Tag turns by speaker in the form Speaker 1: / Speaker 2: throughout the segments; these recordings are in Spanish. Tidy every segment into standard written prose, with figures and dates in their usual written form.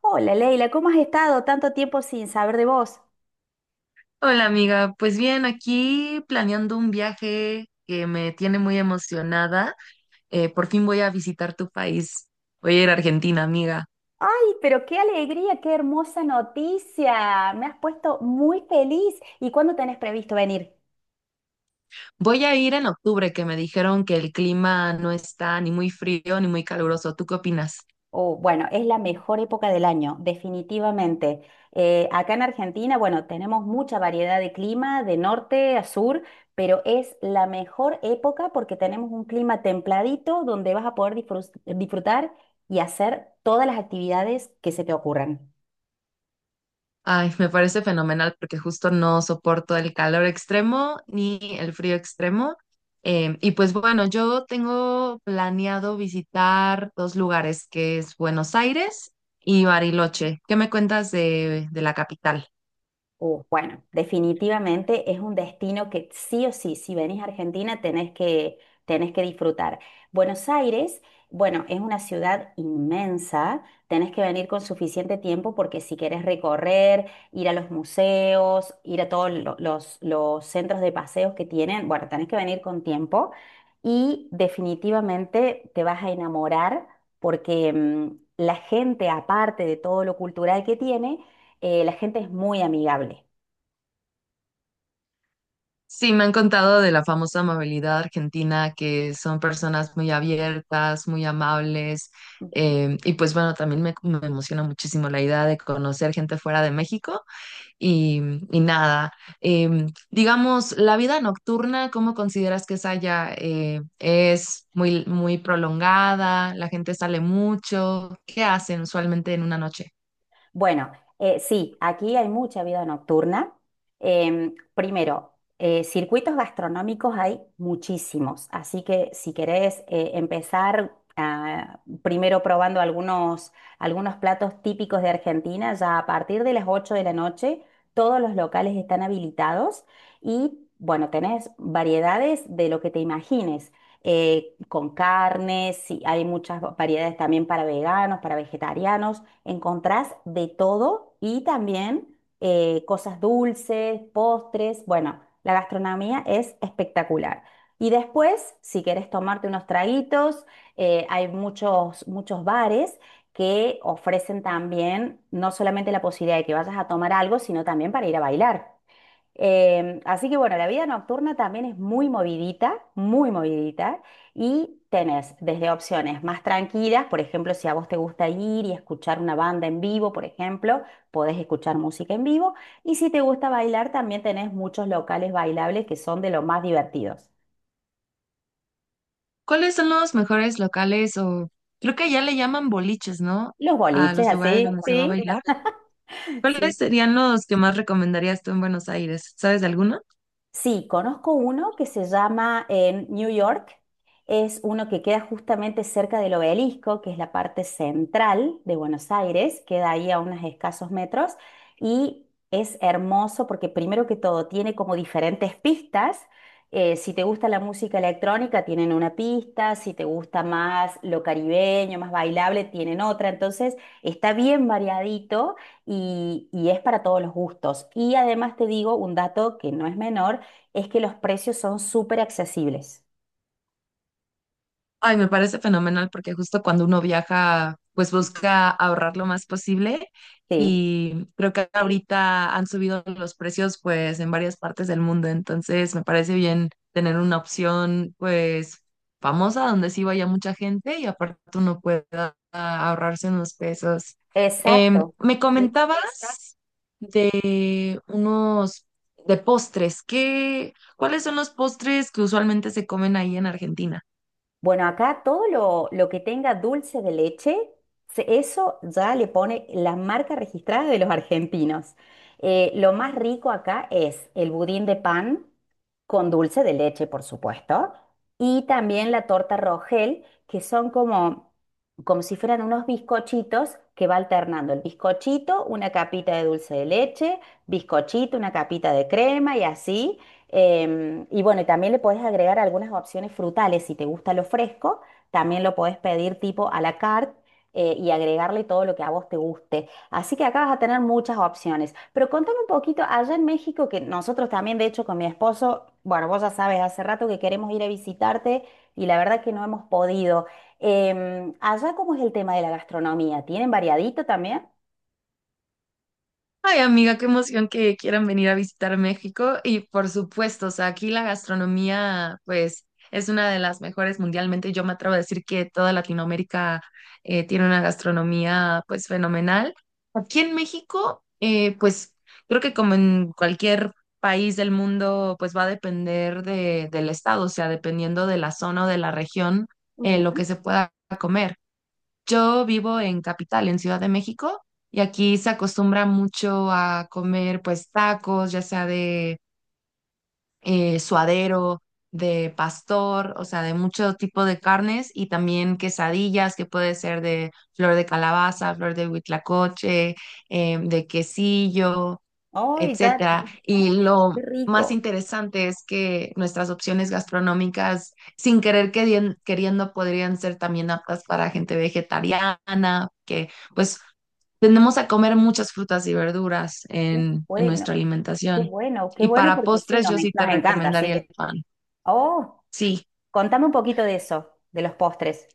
Speaker 1: Hola Leila, ¿cómo has estado tanto tiempo sin saber de vos?
Speaker 2: Hola amiga, pues bien, aquí planeando un viaje que me tiene muy emocionada. Por fin voy a visitar tu país. Voy a ir a Argentina, amiga.
Speaker 1: Ay, pero qué alegría, qué hermosa noticia. Me has puesto muy feliz. ¿Y cuándo tenés previsto venir?
Speaker 2: Voy a ir en octubre, que me dijeron que el clima no está ni muy frío ni muy caluroso. ¿Tú qué opinas?
Speaker 1: Oh, bueno, es la mejor época del año, definitivamente. Acá en Argentina, bueno, tenemos mucha variedad de clima, de norte a sur, pero es la mejor época porque tenemos un clima templadito donde vas a poder disfrutar y hacer todas las actividades que se te ocurran.
Speaker 2: Ay, me parece fenomenal porque justo no soporto el calor extremo ni el frío extremo. Y pues bueno, yo tengo planeado visitar dos lugares, que es Buenos Aires y Bariloche. ¿Qué me cuentas de la capital?
Speaker 1: Bueno, definitivamente es un destino que sí o sí, si venís a Argentina tenés que disfrutar. Buenos Aires, bueno, es una ciudad inmensa, tenés que venir con suficiente tiempo porque si querés recorrer, ir a los museos, ir a todos los centros de paseos que tienen, bueno, tenés que venir con tiempo y definitivamente te vas a enamorar porque la gente, aparte de todo lo cultural que tiene, la gente es muy amigable.
Speaker 2: Sí, me han contado de la famosa amabilidad argentina, que son personas muy abiertas, muy amables. Y pues bueno, también me emociona muchísimo la idea de conocer gente fuera de México. y, y nada. Digamos, la vida nocturna, ¿cómo consideras que es allá? ¿Es muy prolongada? ¿La gente sale mucho? ¿Qué hacen usualmente en una noche?
Speaker 1: Bueno, sí, aquí hay mucha vida nocturna. Primero, circuitos gastronómicos hay muchísimos, así que si querés empezar primero probando algunos platos típicos de Argentina, ya a partir de las 8 de la noche todos los locales están habilitados y bueno, tenés variedades de lo que te imagines. Con carnes, sí, hay muchas variedades también para veganos, para vegetarianos, encontrás de todo y también cosas dulces, postres, bueno, la gastronomía es espectacular. Y después, si querés tomarte unos traguitos, hay muchos bares que ofrecen también no solamente la posibilidad de que vayas a tomar algo, sino también para ir a bailar. Así que bueno, la vida nocturna también es muy movidita, y tenés desde opciones más tranquilas, por ejemplo, si a vos te gusta ir y escuchar una banda en vivo, por ejemplo, podés escuchar música en vivo, y si te gusta bailar, también tenés muchos locales bailables que son de los más divertidos.
Speaker 2: ¿Cuáles son los mejores locales o creo que allá le llaman boliches, ¿no?
Speaker 1: Los
Speaker 2: A
Speaker 1: boliches,
Speaker 2: los lugares
Speaker 1: así,
Speaker 2: donde se va a
Speaker 1: sí,
Speaker 2: bailar.
Speaker 1: sí.
Speaker 2: ¿Cuáles serían los que más recomendarías tú en Buenos Aires? ¿Sabes de alguno?
Speaker 1: Sí, conozco uno que se llama en New York. Es uno que queda justamente cerca del obelisco, que es la parte central de Buenos Aires, queda ahí a unos escasos metros y es hermoso porque primero que todo tiene como diferentes pistas. Si te gusta la música electrónica, tienen una pista, si te gusta más lo caribeño, más bailable, tienen otra. Entonces está bien variadito y es para todos los gustos. Y además te digo un dato que no es menor es que los precios son súper accesibles.
Speaker 2: Ay, me parece fenomenal porque justo cuando uno viaja, pues busca ahorrar lo más posible
Speaker 1: Sí,
Speaker 2: y creo que ahorita han subido los precios pues en varias partes del mundo, entonces me parece bien tener una opción pues famosa donde sí vaya mucha gente y aparte uno pueda ahorrarse unos pesos.
Speaker 1: exacto.
Speaker 2: Me comentabas de unos de postres, ¿qué, cuáles son los postres que usualmente se comen ahí en Argentina?
Speaker 1: Bueno, acá todo lo que tenga dulce de leche, eso ya le pone la marca registrada de los argentinos. Lo más rico acá es el budín de pan con dulce de leche, por supuesto, y también la torta Rogel, que son como si fueran unos bizcochitos que va alternando el bizcochito, una capita de dulce de leche, bizcochito, una capita de crema y así. Y bueno, y también le podés agregar algunas opciones frutales. Si te gusta lo fresco, también lo podés pedir tipo a la carte y agregarle todo lo que a vos te guste. Así que acá vas a tener muchas opciones. Pero contame un poquito, allá en México, que nosotros también, de hecho, con mi esposo, bueno, vos ya sabes, hace rato que queremos ir a visitarte y la verdad que no hemos podido. Allá, ¿cómo es el tema de la gastronomía? ¿Tienen variadito también?
Speaker 2: Ay, amiga, qué emoción que quieran venir a visitar México. Y por supuesto, o sea, aquí la gastronomía, pues, es una de las mejores mundialmente. Yo me atrevo a decir que toda Latinoamérica tiene una gastronomía, pues, fenomenal. Aquí en México, pues, creo que como en cualquier país del mundo, pues, va a depender del estado, o sea, dependiendo de la zona o de la región, lo
Speaker 1: Ujú.
Speaker 2: que se pueda comer. Yo vivo en Capital, en Ciudad de México, y aquí se acostumbra mucho a comer pues tacos, ya sea de suadero, de pastor, o sea, de mucho tipo de carnes y también quesadillas, que puede ser de flor de calabaza, flor de huitlacoche, de quesillo,
Speaker 1: ¡Ay, ya!
Speaker 2: etcétera. Y lo
Speaker 1: ¡Qué
Speaker 2: más
Speaker 1: rico!
Speaker 2: interesante es que nuestras opciones gastronómicas, sin queriendo, podrían ser también aptas para gente vegetariana, que pues tendemos a comer muchas frutas y verduras
Speaker 1: Qué
Speaker 2: en
Speaker 1: bueno.
Speaker 2: nuestra
Speaker 1: Qué
Speaker 2: alimentación.
Speaker 1: bueno, qué
Speaker 2: Y
Speaker 1: bueno
Speaker 2: para
Speaker 1: porque sí,
Speaker 2: postres yo sí te
Speaker 1: nos encanta. Así
Speaker 2: recomendaría el
Speaker 1: que,
Speaker 2: pan.
Speaker 1: oh,
Speaker 2: Sí.
Speaker 1: contame un poquito de eso, de los postres.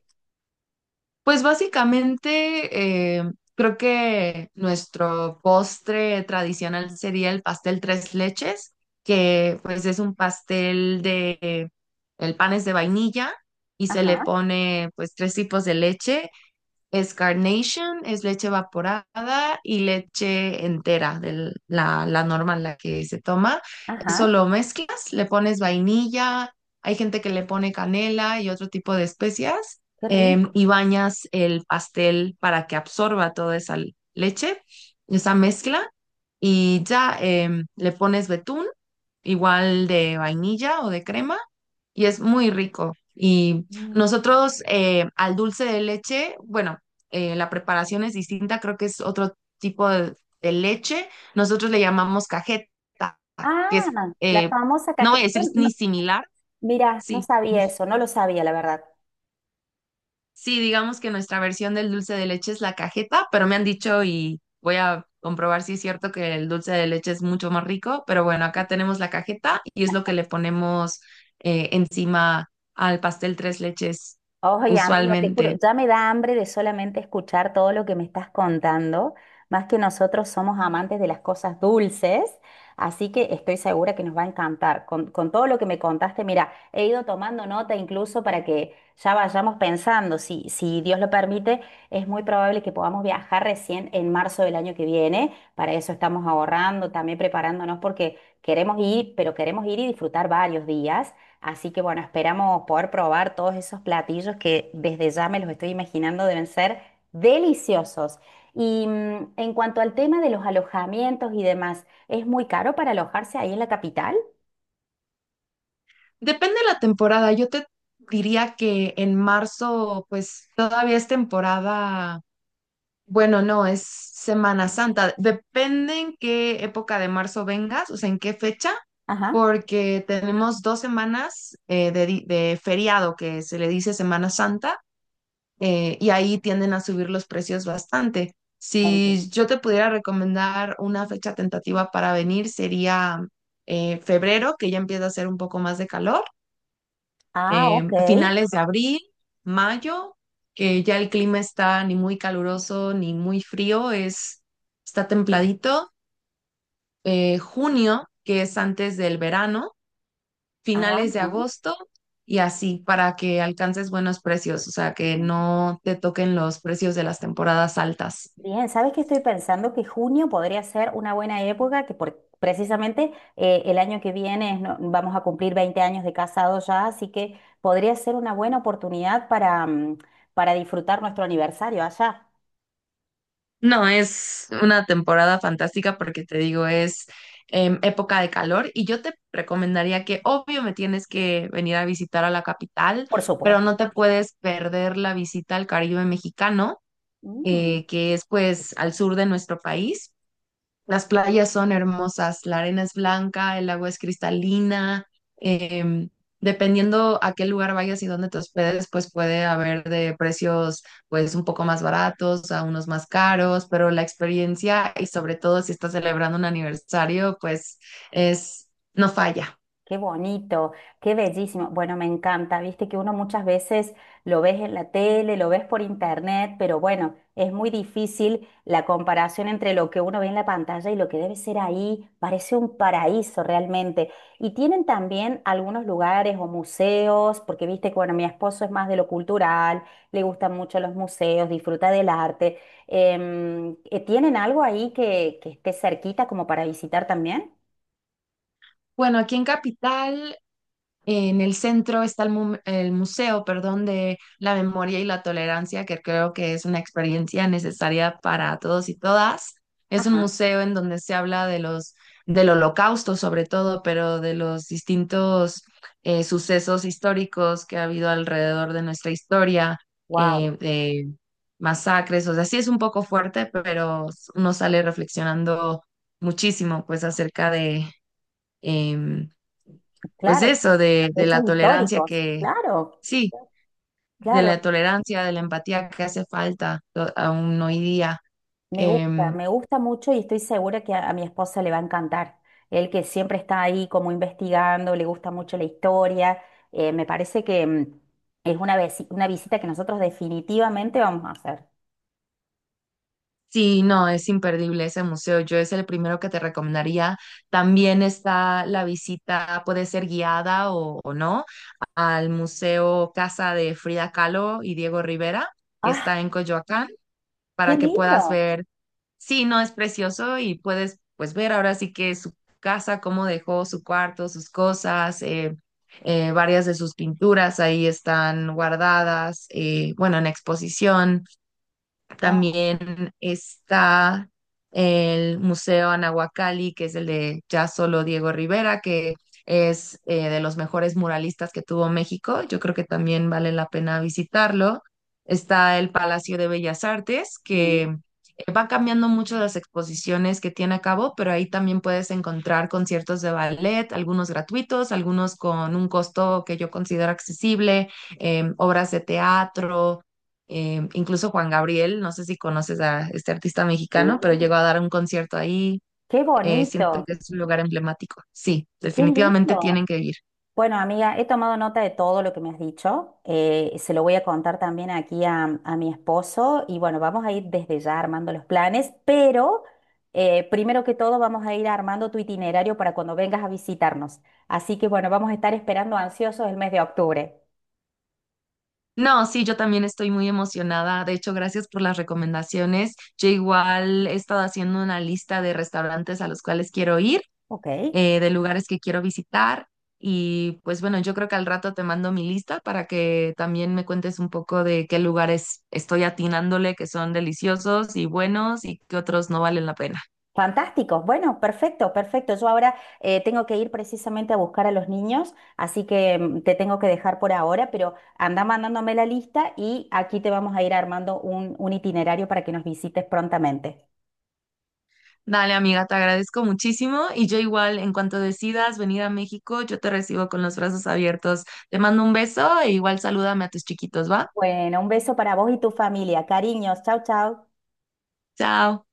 Speaker 2: Pues básicamente creo que nuestro postre tradicional sería el pastel tres leches, que pues es un el pan es de vainilla y se le
Speaker 1: Ajá,
Speaker 2: pone pues tres tipos de leche, es carnation, es leche evaporada y leche entera, de la normal, la que se toma.
Speaker 1: ajá,
Speaker 2: Eso lo mezclas, le pones vainilla, hay gente que le pone canela y otro tipo de especias,
Speaker 1: qué rico.
Speaker 2: y bañas el pastel para que absorba toda esa leche, esa mezcla, y ya le pones betún, igual de vainilla o de crema y es muy rico. Y
Speaker 1: Mm.
Speaker 2: nosotros al dulce de leche, bueno, la preparación es distinta, creo que es otro tipo de, de leche. Nosotros le llamamos cajeta,
Speaker 1: Ah,
Speaker 2: que es,
Speaker 1: la
Speaker 2: eh,
Speaker 1: famosa
Speaker 2: no voy a
Speaker 1: cajeta.
Speaker 2: decir ni similar,
Speaker 1: Mira, no
Speaker 2: sí.
Speaker 1: sabía eso, no lo sabía, la verdad.
Speaker 2: Sí, digamos que nuestra versión del dulce de leche es la cajeta, pero me han dicho y voy a comprobar si es cierto que el dulce de leche es mucho más rico, pero bueno, acá tenemos la cajeta y es lo que le ponemos encima al pastel tres leches
Speaker 1: Oye, amiga, te juro,
Speaker 2: usualmente.
Speaker 1: ya me da hambre de solamente escuchar todo lo que me estás contando, más que nosotros somos amantes de las cosas dulces, así que estoy segura que nos va a encantar. Con todo lo que me contaste, mira, he ido tomando nota incluso para que ya vayamos pensando, si Dios lo permite, es muy probable que podamos viajar recién en marzo del año que viene, para eso estamos ahorrando, también preparándonos porque queremos ir, pero queremos ir y disfrutar varios días. Así que bueno, esperamos poder probar todos esos platillos que desde ya me los estoy imaginando deben ser deliciosos. Y en cuanto al tema de los alojamientos y demás, ¿es muy caro para alojarse ahí en la capital?
Speaker 2: Depende de la temporada, yo te diría que en marzo pues todavía es temporada. Bueno, no, es Semana Santa. Depende en qué época de marzo vengas, o sea, en qué fecha,
Speaker 1: Ajá.
Speaker 2: porque tenemos dos semanas de feriado que se le dice Semana Santa, y ahí tienden a subir los precios bastante.
Speaker 1: Entiendo.
Speaker 2: Si yo te pudiera recomendar una fecha tentativa para venir, sería febrero, que ya empieza a hacer un poco más de calor,
Speaker 1: Ah, ok.
Speaker 2: finales de abril, mayo, que ya el clima está ni muy caluroso ni muy frío, es, está templadito. Junio, que es antes del verano,
Speaker 1: Ah,
Speaker 2: finales de
Speaker 1: ajá.
Speaker 2: agosto y así para que alcances buenos precios, o sea, que no te toquen los precios de las temporadas altas.
Speaker 1: Bien, ¿sabes qué estoy pensando? Que junio podría ser una buena época, que precisamente el año que viene es vamos a cumplir 20 años de casados ya, así que podría ser una buena oportunidad para, para disfrutar nuestro aniversario allá,
Speaker 2: No, es una temporada fantástica porque te digo, es época de calor y yo te recomendaría que obvio me tienes que venir a visitar a la capital,
Speaker 1: por
Speaker 2: pero
Speaker 1: supuesto.
Speaker 2: no te puedes perder la visita al Caribe mexicano,
Speaker 1: Mm.
Speaker 2: que es pues al sur de nuestro país. Las playas son hermosas, la arena es blanca, el agua es cristalina. em, Dependiendo a qué lugar vayas y dónde te hospedes, pues puede haber de precios pues un poco más baratos a unos más caros, pero la experiencia y sobre todo si estás celebrando un aniversario, pues es no falla.
Speaker 1: Qué bonito, qué bellísimo. Bueno, me encanta, viste que uno muchas veces lo ves en la tele, lo ves por internet, pero bueno, es muy difícil la comparación entre lo que uno ve en la pantalla y lo que debe ser ahí. Parece un paraíso realmente. Y tienen también algunos lugares o museos, porque viste que, bueno, mi esposo es más de lo cultural, le gustan mucho los museos, disfruta del arte. ¿Tienen algo ahí que esté cerquita como para visitar también?
Speaker 2: Bueno, aquí en Capital, en el centro está el el museo, perdón, de la memoria y la tolerancia, que creo que es una experiencia necesaria para todos y todas. Es un
Speaker 1: Ajá,
Speaker 2: museo en donde se habla de los del Holocausto, sobre todo, pero de los distintos sucesos históricos que ha habido alrededor de nuestra historia,
Speaker 1: wow.
Speaker 2: de masacres, o sea, sí es un poco fuerte, pero uno sale reflexionando muchísimo, pues, em, pues
Speaker 1: Claro, son
Speaker 2: eso, de
Speaker 1: hechos
Speaker 2: la tolerancia
Speaker 1: históricos,
Speaker 2: que,
Speaker 1: claro.
Speaker 2: sí, de
Speaker 1: Claro,
Speaker 2: la tolerancia, de la empatía que hace falta aún hoy día. Em,
Speaker 1: me gusta mucho y estoy segura que a mi esposa le va a encantar. Él que siempre está ahí como investigando, le gusta mucho la historia. Me parece que es una, una visita que nosotros definitivamente vamos a hacer.
Speaker 2: sí, no, es imperdible ese museo. Yo es el primero que te recomendaría. También está la visita, puede ser guiada o no, al Museo Casa de Frida Kahlo y Diego Rivera, que
Speaker 1: ¡Ah,
Speaker 2: está en Coyoacán,
Speaker 1: qué
Speaker 2: para que puedas
Speaker 1: lindo!
Speaker 2: ver. Sí, no, es precioso y puedes pues ver ahora sí que su casa, cómo dejó su cuarto, sus cosas, varias de sus pinturas ahí están guardadas, bueno, en exposición.
Speaker 1: Oh,
Speaker 2: También está el Museo Anahuacalli, que es el de ya solo Diego Rivera, que es de los mejores muralistas que tuvo México. Yo creo que también vale la pena visitarlo. Está el Palacio de Bellas Artes, que
Speaker 1: mm,
Speaker 2: va cambiando mucho las exposiciones que tiene a cabo, pero ahí también puedes encontrar conciertos de ballet, algunos gratuitos, algunos con un costo que yo considero accesible, obras de teatro, incluso Juan Gabriel, no sé si conoces a este artista
Speaker 1: sí,
Speaker 2: mexicano, pero llegó a dar un concierto ahí.
Speaker 1: ¡qué
Speaker 2: Siento
Speaker 1: bonito!
Speaker 2: que es un lugar emblemático. Sí,
Speaker 1: ¡Qué
Speaker 2: definitivamente
Speaker 1: lindo!
Speaker 2: tienen que ir.
Speaker 1: Bueno, amiga, he tomado nota de todo lo que me has dicho. Se lo voy a contar también aquí a mi esposo y bueno, vamos a ir desde ya armando los planes, pero primero que todo vamos a ir armando tu itinerario para cuando vengas a visitarnos. Así que bueno, vamos a estar esperando ansiosos el mes de octubre.
Speaker 2: No, sí, yo también estoy muy emocionada. De hecho, gracias por las recomendaciones. Yo igual he estado haciendo una lista de restaurantes a los cuales quiero ir,
Speaker 1: Ok,
Speaker 2: de lugares que quiero visitar. Y pues bueno, yo creo que al rato te mando mi lista para que también me cuentes un poco de qué lugares estoy atinándole que son deliciosos y buenos y qué otros no valen la pena.
Speaker 1: fantástico. Bueno, perfecto, perfecto. Yo ahora tengo que ir precisamente a buscar a los niños, así que te tengo que dejar por ahora, pero anda mandándome la lista y aquí te vamos a ir armando un itinerario para que nos visites prontamente.
Speaker 2: Dale, amiga, te agradezco muchísimo y yo igual, en cuanto decidas venir a México, yo te recibo con los brazos abiertos. Te mando un beso e igual salúdame a tus chiquitos, ¿va?
Speaker 1: Bueno, un beso para vos y tu familia. Cariños. Chau, chau.
Speaker 2: Chao.